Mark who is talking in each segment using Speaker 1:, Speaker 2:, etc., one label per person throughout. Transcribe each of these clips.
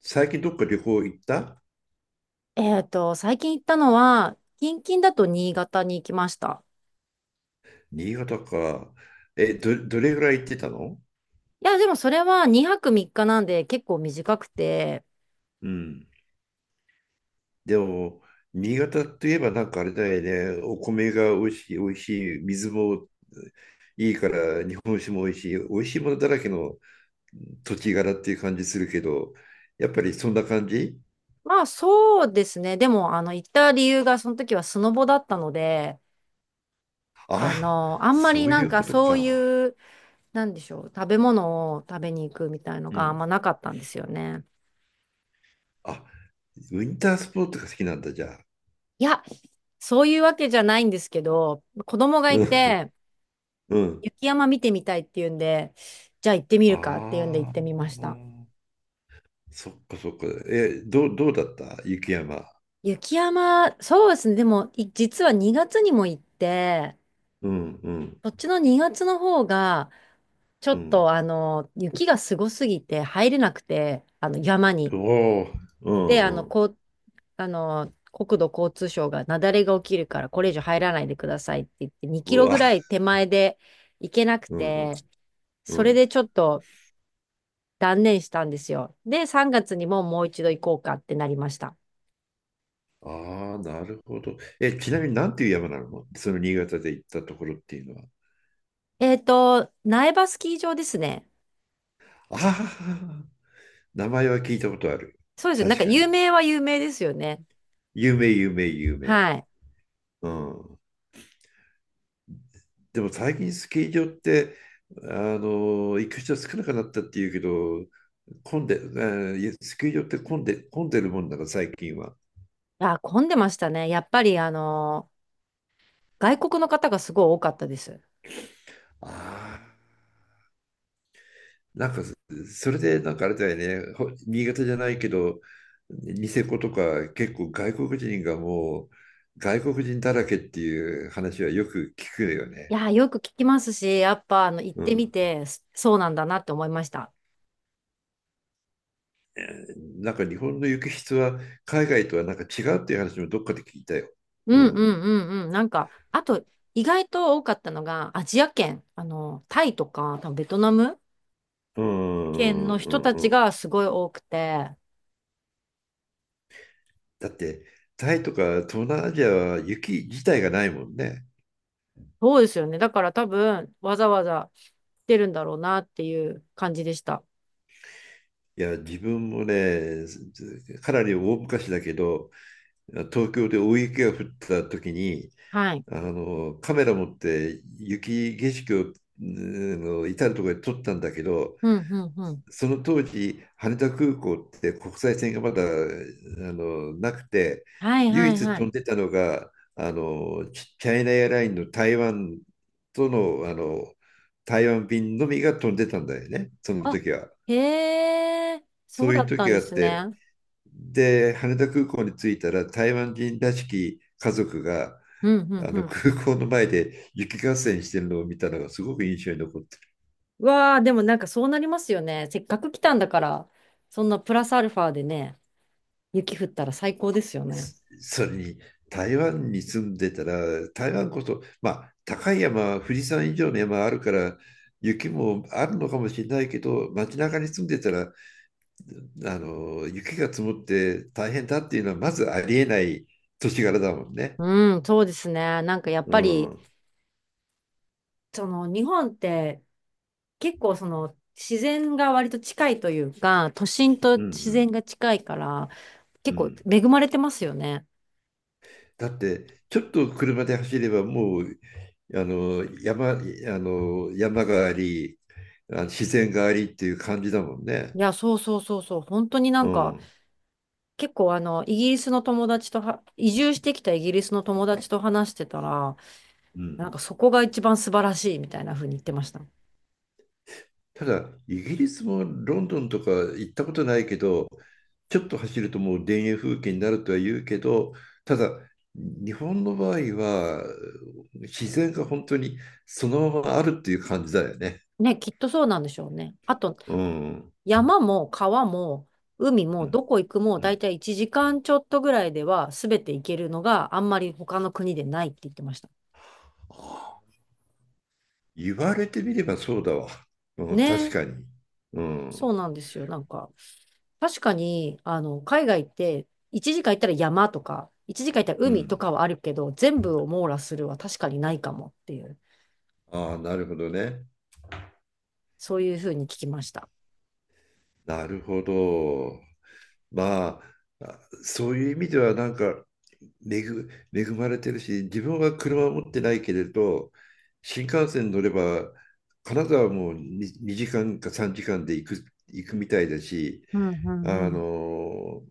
Speaker 1: 最近どっか旅行行った？
Speaker 2: 最近行ったのは、近々だと新潟に行きました。
Speaker 1: 新潟か。え、どれぐらい行ってたの？
Speaker 2: いや、でもそれは2泊3日なんで結構短くて、
Speaker 1: うん。でも、新潟といえばなんかあれだよね。お米が美味しい、美味しい。水もいいから、日本酒も美味しい。美味しいものだらけの土地柄っていう感じするけど、やっぱりそんな感じ？
Speaker 2: まあそうですね。でも、行った理由がその時はスノボだったので、
Speaker 1: あ、
Speaker 2: あんま
Speaker 1: そ
Speaker 2: り
Speaker 1: う
Speaker 2: な
Speaker 1: い
Speaker 2: ん
Speaker 1: う
Speaker 2: か
Speaker 1: こと
Speaker 2: そう
Speaker 1: か。
Speaker 2: いう、なんでしょう、食べ物を食べに行くみたいの
Speaker 1: う
Speaker 2: があん
Speaker 1: ん。
Speaker 2: まなかったんですよね。
Speaker 1: あ、ウィンタースポーツが好きなんだ、じゃあ。
Speaker 2: いや、そういうわけじゃないんですけど、子供が
Speaker 1: う
Speaker 2: い
Speaker 1: ん。
Speaker 2: て、
Speaker 1: うん。
Speaker 2: 雪山見てみたいっていうんで、じゃあ行ってみるかっていうんで行っ
Speaker 1: あ
Speaker 2: てみました。
Speaker 1: あ。そっかそっか。え、どうだった雪山？
Speaker 2: 雪山、そうですね。でも、実は2月にも行って、
Speaker 1: うんうん
Speaker 2: こっちの2月の方が、ちょ
Speaker 1: う
Speaker 2: っ
Speaker 1: ん。
Speaker 2: と、雪がすごすぎて入れなくて、山
Speaker 1: お
Speaker 2: に。
Speaker 1: お、う
Speaker 2: で、
Speaker 1: んうん。
Speaker 2: こう、国土交通省が雪崩が起きるから、これ以上入らないでくださいって言って、2キ
Speaker 1: う
Speaker 2: ロ
Speaker 1: わ、
Speaker 2: ぐらい手前で行けなく
Speaker 1: う
Speaker 2: て、
Speaker 1: んう
Speaker 2: それ
Speaker 1: ん。
Speaker 2: でちょっと断念したんですよ。で、3月にももう一度行こうかってなりました。
Speaker 1: ああ、なるほど。え、ちなみになんていう山なのその新潟で行ったところっていうのは？
Speaker 2: 苗場スキー場ですね。
Speaker 1: ああ、名前は聞いたことある。
Speaker 2: そうですよ。なん
Speaker 1: 確
Speaker 2: か
Speaker 1: かに。
Speaker 2: 有名は有名ですよね。
Speaker 1: 有名、有名、有名。
Speaker 2: はい。
Speaker 1: うん。でも最近スキー場って、行く人少なくなったっていうけど、混んで、スキー場って混んでるもんだから最近は。
Speaker 2: あ、混んでましたね。やっぱり外国の方がすごい多かったです。
Speaker 1: あなんかれでなんかあれだよね、新潟じゃないけど、ニセコとか結構外国人がもう外国人だらけっていう話はよく聞くよ
Speaker 2: い
Speaker 1: ね。
Speaker 2: や、よく聞きますし、やっぱ行っ
Speaker 1: う
Speaker 2: てみ
Speaker 1: ん。
Speaker 2: て、そうなんだなって思いました。
Speaker 1: えなんか日本の雪質は海外とはなんか違うっていう話もどっかで聞いたよ。
Speaker 2: う
Speaker 1: う
Speaker 2: んう
Speaker 1: ん。
Speaker 2: んうんうん。なんか、あと、意外と多かったのが、アジア圏、タイとか、多分ベトナム
Speaker 1: う
Speaker 2: 圏
Speaker 1: ん
Speaker 2: の
Speaker 1: う
Speaker 2: 人
Speaker 1: ん
Speaker 2: た
Speaker 1: うんう
Speaker 2: ち
Speaker 1: ん。
Speaker 2: がすごい多くて、
Speaker 1: だって、タイとか東南アジアは雪自体がないもんね。
Speaker 2: そうですよね。だから多分、わざわざ来てるんだろうなっていう感じでした。
Speaker 1: いや、自分もね、かなり大昔だけど、東京で大雪が降った時に
Speaker 2: はい。
Speaker 1: カメラ持って雪景色をの至る所で撮ったんだけど、
Speaker 2: うんうんうん。
Speaker 1: その当時羽田空港って国際線がまだなくて、
Speaker 2: はいは
Speaker 1: 唯
Speaker 2: い
Speaker 1: 一
Speaker 2: は
Speaker 1: 飛
Speaker 2: い。
Speaker 1: んでたのがチャイナエアラインの台湾との、台湾便のみが飛んでたんだよねその
Speaker 2: あ、
Speaker 1: 時は。
Speaker 2: へえ、
Speaker 1: そ
Speaker 2: そう
Speaker 1: うい
Speaker 2: だ
Speaker 1: う
Speaker 2: った
Speaker 1: 時
Speaker 2: んで
Speaker 1: があっ
Speaker 2: す
Speaker 1: て、
Speaker 2: ね。
Speaker 1: で、羽田空港に着いたら台湾人らしき家族が
Speaker 2: うん、うん、
Speaker 1: あ
Speaker 2: う
Speaker 1: の
Speaker 2: ん。
Speaker 1: 空港の前で雪合戦してるのを見たのがすごく印象に残って
Speaker 2: うわあ、でもなんかそうなりますよね。せっかく来たんだから、そんなプラスアルファでね、雪降ったら最高ですよ
Speaker 1: る。
Speaker 2: ね。
Speaker 1: それに台湾に住んでたら、台湾こそまあ高い山富士山以上の山あるから雪もあるのかもしれないけど、街中に住んでたら雪が積もって大変だっていうのはまずありえない年柄だもんね。
Speaker 2: うん、そうですね。なんかやっ
Speaker 1: う
Speaker 2: ぱ
Speaker 1: ん、う
Speaker 2: り、
Speaker 1: ん、
Speaker 2: その日本って結構その自然が割と近いというか、都心と
Speaker 1: う
Speaker 2: 自
Speaker 1: ん、
Speaker 2: 然が近いから、
Speaker 1: う
Speaker 2: 結構
Speaker 1: ん。
Speaker 2: 恵まれてますよね。
Speaker 1: だってちょっと車で走ればもうあの山があり、あの自然がありっていう感じだもん
Speaker 2: い
Speaker 1: ね。
Speaker 2: や、そうそうそうそう。本当にな
Speaker 1: う
Speaker 2: んか、
Speaker 1: ん、
Speaker 2: 結構イギリスの友達とは、移住してきたイギリスの友達と話してたら、
Speaker 1: う
Speaker 2: な
Speaker 1: ん、
Speaker 2: んかそこが一番素晴らしいみたいな風に言ってました。
Speaker 1: ただイギリスもロンドンとか行ったことないけど、ちょっと走るともう田園風景になるとは言うけど、ただ日本の場合は自然が本当にそのままあるっていう感じだよね。
Speaker 2: ね、きっとそうなんでしょうね。あと、
Speaker 1: うん、うん、
Speaker 2: 山も川も海もどこ行くも
Speaker 1: う
Speaker 2: 大
Speaker 1: ん、
Speaker 2: 体1時間ちょっとぐらいでは全て行けるのがあんまり他の国でないって言ってました。
Speaker 1: あ、言われてみればそうだわ。うん、確
Speaker 2: ね、
Speaker 1: かに。う
Speaker 2: そ
Speaker 1: ん。
Speaker 2: うなんですよ。なんか、確かに、海外って1時間行ったら山とか、1時間行ったら
Speaker 1: う
Speaker 2: 海と
Speaker 1: ん。
Speaker 2: かはあるけど、全部を網羅するは確かにないかもっていう。
Speaker 1: ああ、なるほどね。
Speaker 2: そういうふうに聞きました。
Speaker 1: なるほど。まあ、あそういう意味ではなんか恵、恵まれてるし、自分は車を持ってないけれど、新幹線乗れば、金沢はも 2, 時間か3時間で行くみたいだし、
Speaker 2: うんうんう
Speaker 1: あ
Speaker 2: ん。
Speaker 1: の、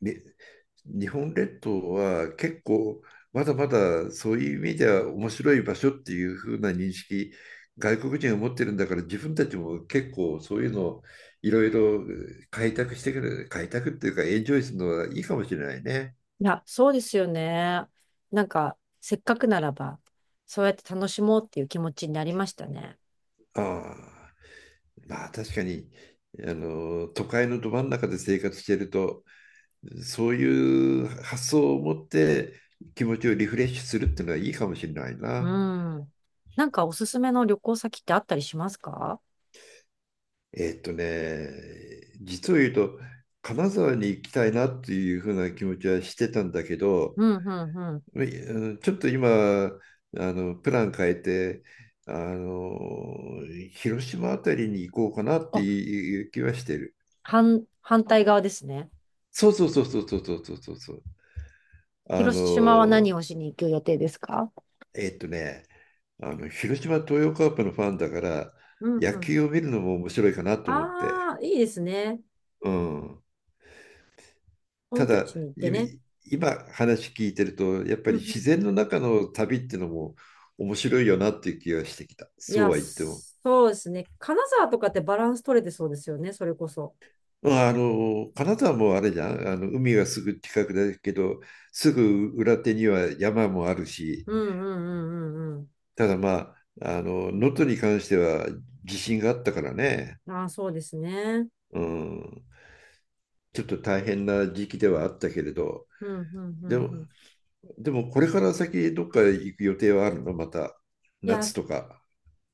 Speaker 1: ね、日本列島は結構まだまだそういう意味では面白い場所っていう風な認識外国人が持ってるんだから、自分たちも結構そういうのをいろいろ開拓してくる開拓っていうかエンジョイするのはいいかもしれないね。
Speaker 2: いや、そうですよね。なんか、せっかくならば、そうやって楽しもうっていう気持ちになりましたね。
Speaker 1: ああ、まあ確かに都会のど真ん中で生活してるとそういう発想を持って気持ちをリフレッシュするっていうのはいいかもしれない
Speaker 2: う
Speaker 1: な。
Speaker 2: ん。なんかおすすめの旅行先ってあったりしますか？
Speaker 1: えっとね、実を言うと、金沢に行きたいなっていうふうな気持ちはしてたんだけど、
Speaker 2: うんうんうん。
Speaker 1: うん、ちょっと今、あプラン変えて、あの広島あたりに行こうかなって
Speaker 2: あ、
Speaker 1: いう気はしてる。
Speaker 2: 反対側ですね。
Speaker 1: そうそうそうそうそうそうそうそう。あ
Speaker 2: 広島は何
Speaker 1: の
Speaker 2: をしに行く予定ですか？
Speaker 1: えっとね、広島東洋カープのファンだから、
Speaker 2: うんう
Speaker 1: 野
Speaker 2: ん。
Speaker 1: 球を見るのも面白いかなと思って。
Speaker 2: ああ、いいですね。
Speaker 1: うん。た
Speaker 2: 本拠
Speaker 1: だ、
Speaker 2: 地に行って
Speaker 1: 今
Speaker 2: ね。
Speaker 1: 今話聞いてると、やっぱ
Speaker 2: う
Speaker 1: り
Speaker 2: ん。
Speaker 1: 自然の中の旅っていうのも面白いよなっていう気がしてきた。
Speaker 2: い
Speaker 1: そう
Speaker 2: や、
Speaker 1: は言っても。
Speaker 2: そうですね。金沢とかってバランス取れてそうですよね、それこそ。
Speaker 1: まあ、金沢もあれじゃん。海はすぐ近くだけど、すぐ裏手には山もあるし、
Speaker 2: うんうんうんうん
Speaker 1: ただまあ、能登に関しては地震があったからね。
Speaker 2: うん。ああ、そうですね。
Speaker 1: うん。ちょっと大変な時期ではあったけれど、
Speaker 2: うんうんう
Speaker 1: で
Speaker 2: ん
Speaker 1: も、
Speaker 2: うん。
Speaker 1: でもこれから先どっか行く予定はあるのまた、
Speaker 2: いや、
Speaker 1: 夏とか？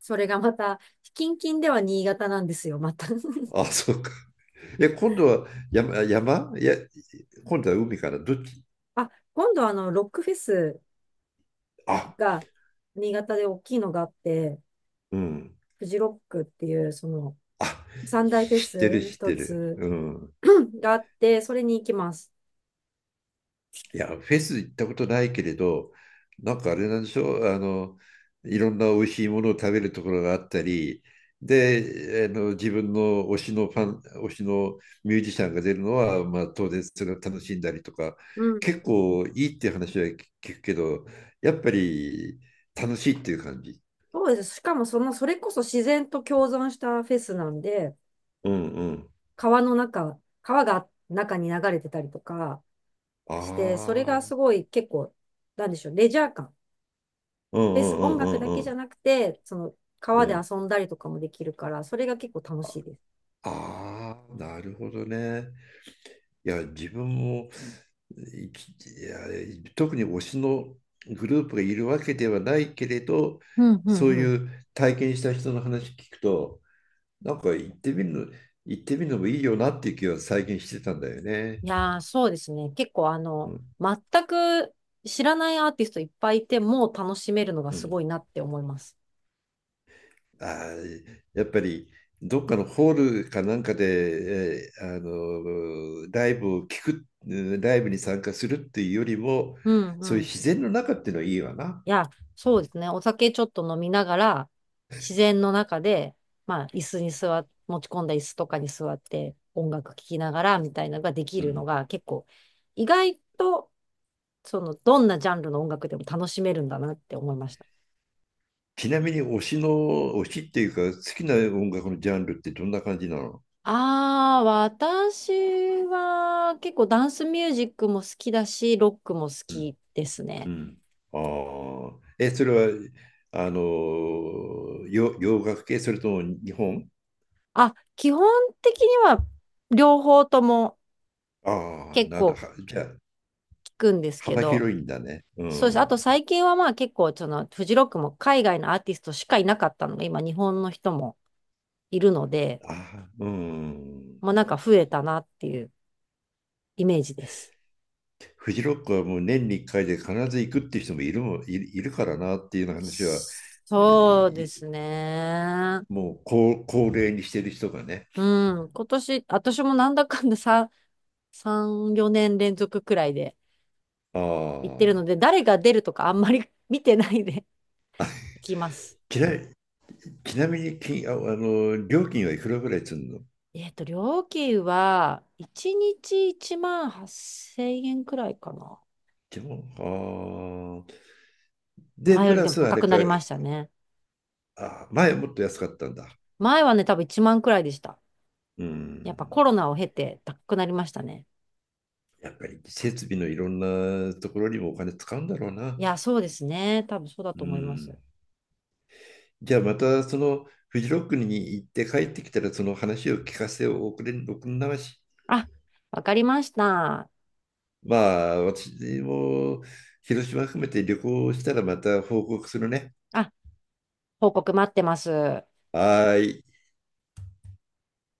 Speaker 2: それがまた、近々では新潟なんですよ、また。
Speaker 1: あ、そうか。え、今度は山、いや、今度は海かな。どっち？
Speaker 2: あ、今度ロックフェス
Speaker 1: あ、
Speaker 2: が、新潟で大きいのがあって、
Speaker 1: うん。
Speaker 2: フジロックっていう、
Speaker 1: あ、
Speaker 2: 三大フェ
Speaker 1: 知って
Speaker 2: ス
Speaker 1: る、
Speaker 2: の
Speaker 1: 知っ
Speaker 2: 一
Speaker 1: てる。
Speaker 2: つ
Speaker 1: うん。
Speaker 2: があって、それに行きます。
Speaker 1: いや、フェス行ったことないけれど、なんかあれなんでしょう、いろんな美味しいものを食べるところがあったり、で、自分の推しのミュージシャンが出るのは、まあ、当然それを楽しんだりとか、
Speaker 2: うん。
Speaker 1: 結構いいっていう話は聞くけど、やっぱり楽しいっていう感じ？
Speaker 2: そうです。しかもそれこそ自然と共存したフェスなんで、
Speaker 1: うんうん。
Speaker 2: 川の中、川が中に流れてたりとかして、それ
Speaker 1: あ
Speaker 2: がす
Speaker 1: あ。
Speaker 2: ごい結構、なんでしょう、レジャー感。
Speaker 1: うんう
Speaker 2: フェス、音
Speaker 1: んう
Speaker 2: 楽だけ
Speaker 1: ん
Speaker 2: じ
Speaker 1: う
Speaker 2: ゃ
Speaker 1: ん
Speaker 2: なくて、その
Speaker 1: う
Speaker 2: 川
Speaker 1: んう
Speaker 2: で
Speaker 1: ん。
Speaker 2: 遊んだりとかもできるから、それが結構楽
Speaker 1: あ
Speaker 2: しいです。
Speaker 1: あー、なるほどね。いや、自分も、いきいや、特に推しのグループがいるわけではないけれど、
Speaker 2: うんうん
Speaker 1: そう
Speaker 2: うん。
Speaker 1: いう体験した人の話聞くと、なんか行ってみるのもいいよなっていう気は最近してたんだよね。
Speaker 2: いやー、そうですね。結構
Speaker 1: うん。
Speaker 2: 全く知らないアーティストいっぱいいて、もう楽しめるのが
Speaker 1: う
Speaker 2: す
Speaker 1: ん、
Speaker 2: ごいなって思います。
Speaker 1: あーやっぱりどっかのホールかなんかで、えーあのライブを聞く、うんライブに参加するっていうよりも、
Speaker 2: うんう
Speaker 1: そういう
Speaker 2: ん。
Speaker 1: 自然の中っていうのはいいわな。
Speaker 2: いや、そうですね。お酒ちょっと飲みながら、自然の中で、まあ、椅子に座っ、持ち込んだ椅子とかに座って、音楽聴きながら、みたいなのができ
Speaker 1: う
Speaker 2: るの
Speaker 1: ん、
Speaker 2: が、結構、意外と、どんなジャンルの音楽でも楽しめるんだなって思いました。
Speaker 1: ちなみに推しっていうか、好きな音楽のジャンルってどんな感じなの？
Speaker 2: ああ、私は、結構ダンスミュージックも好きだし、ロックも好きです
Speaker 1: う
Speaker 2: ね。
Speaker 1: ん、ああ、え、それは、洋楽系、それとも日本。
Speaker 2: あ、基本的には、両方とも
Speaker 1: ああ、
Speaker 2: 結
Speaker 1: なんだ、
Speaker 2: 構
Speaker 1: じゃあ、
Speaker 2: 聞くんですけ
Speaker 1: 幅
Speaker 2: ど、
Speaker 1: 広いんだね。う
Speaker 2: そうです。あと
Speaker 1: ん。
Speaker 2: 最近はまあ結構そのフジロックも海外のアーティストしかいなかったのが今日本の人もいるので、
Speaker 1: ああ、うん。
Speaker 2: もうなんか増えたなっていうイメージです。
Speaker 1: フジロックはもう年に1回で必ず行くっていう人もいる、もいいるからなっていうような話は、え
Speaker 2: そうで
Speaker 1: ー
Speaker 2: すね。
Speaker 1: もう高齢にしてる人がね。
Speaker 2: うん。今年、私もなんだかんだ3、4年連続くらいで行って
Speaker 1: あ、
Speaker 2: るので、誰が出るとかあんまり 見てないで 行きます。
Speaker 1: ちなちなみにきああの料金はいくらぐらいするの？
Speaker 2: 料金は1日1万8000円くらいかな。
Speaker 1: でも、あーで、
Speaker 2: 前
Speaker 1: プ
Speaker 2: よりで
Speaker 1: ラ
Speaker 2: も
Speaker 1: スあ
Speaker 2: 高
Speaker 1: れ
Speaker 2: くな
Speaker 1: か。
Speaker 2: りましたね。
Speaker 1: あ、前もっと安かったんだ。
Speaker 2: 前はね、多分1万くらいでした。
Speaker 1: う
Speaker 2: やっぱコ
Speaker 1: ん、
Speaker 2: ロナを経て高くなりましたね。
Speaker 1: やっぱり設備のいろんなところにもお金使うんだろう
Speaker 2: い
Speaker 1: な。
Speaker 2: や、そうですね。多分そうだ
Speaker 1: う
Speaker 2: と思いま
Speaker 1: ん、
Speaker 2: す。
Speaker 1: じゃあまたそのフジロックに行って帰ってきたらその話を聞かせておくれ、おくんまし。
Speaker 2: あ、わかりました。
Speaker 1: まあ私も広島含めて旅行したらまた報告するね。
Speaker 2: あ、報告待ってます。
Speaker 1: はーい。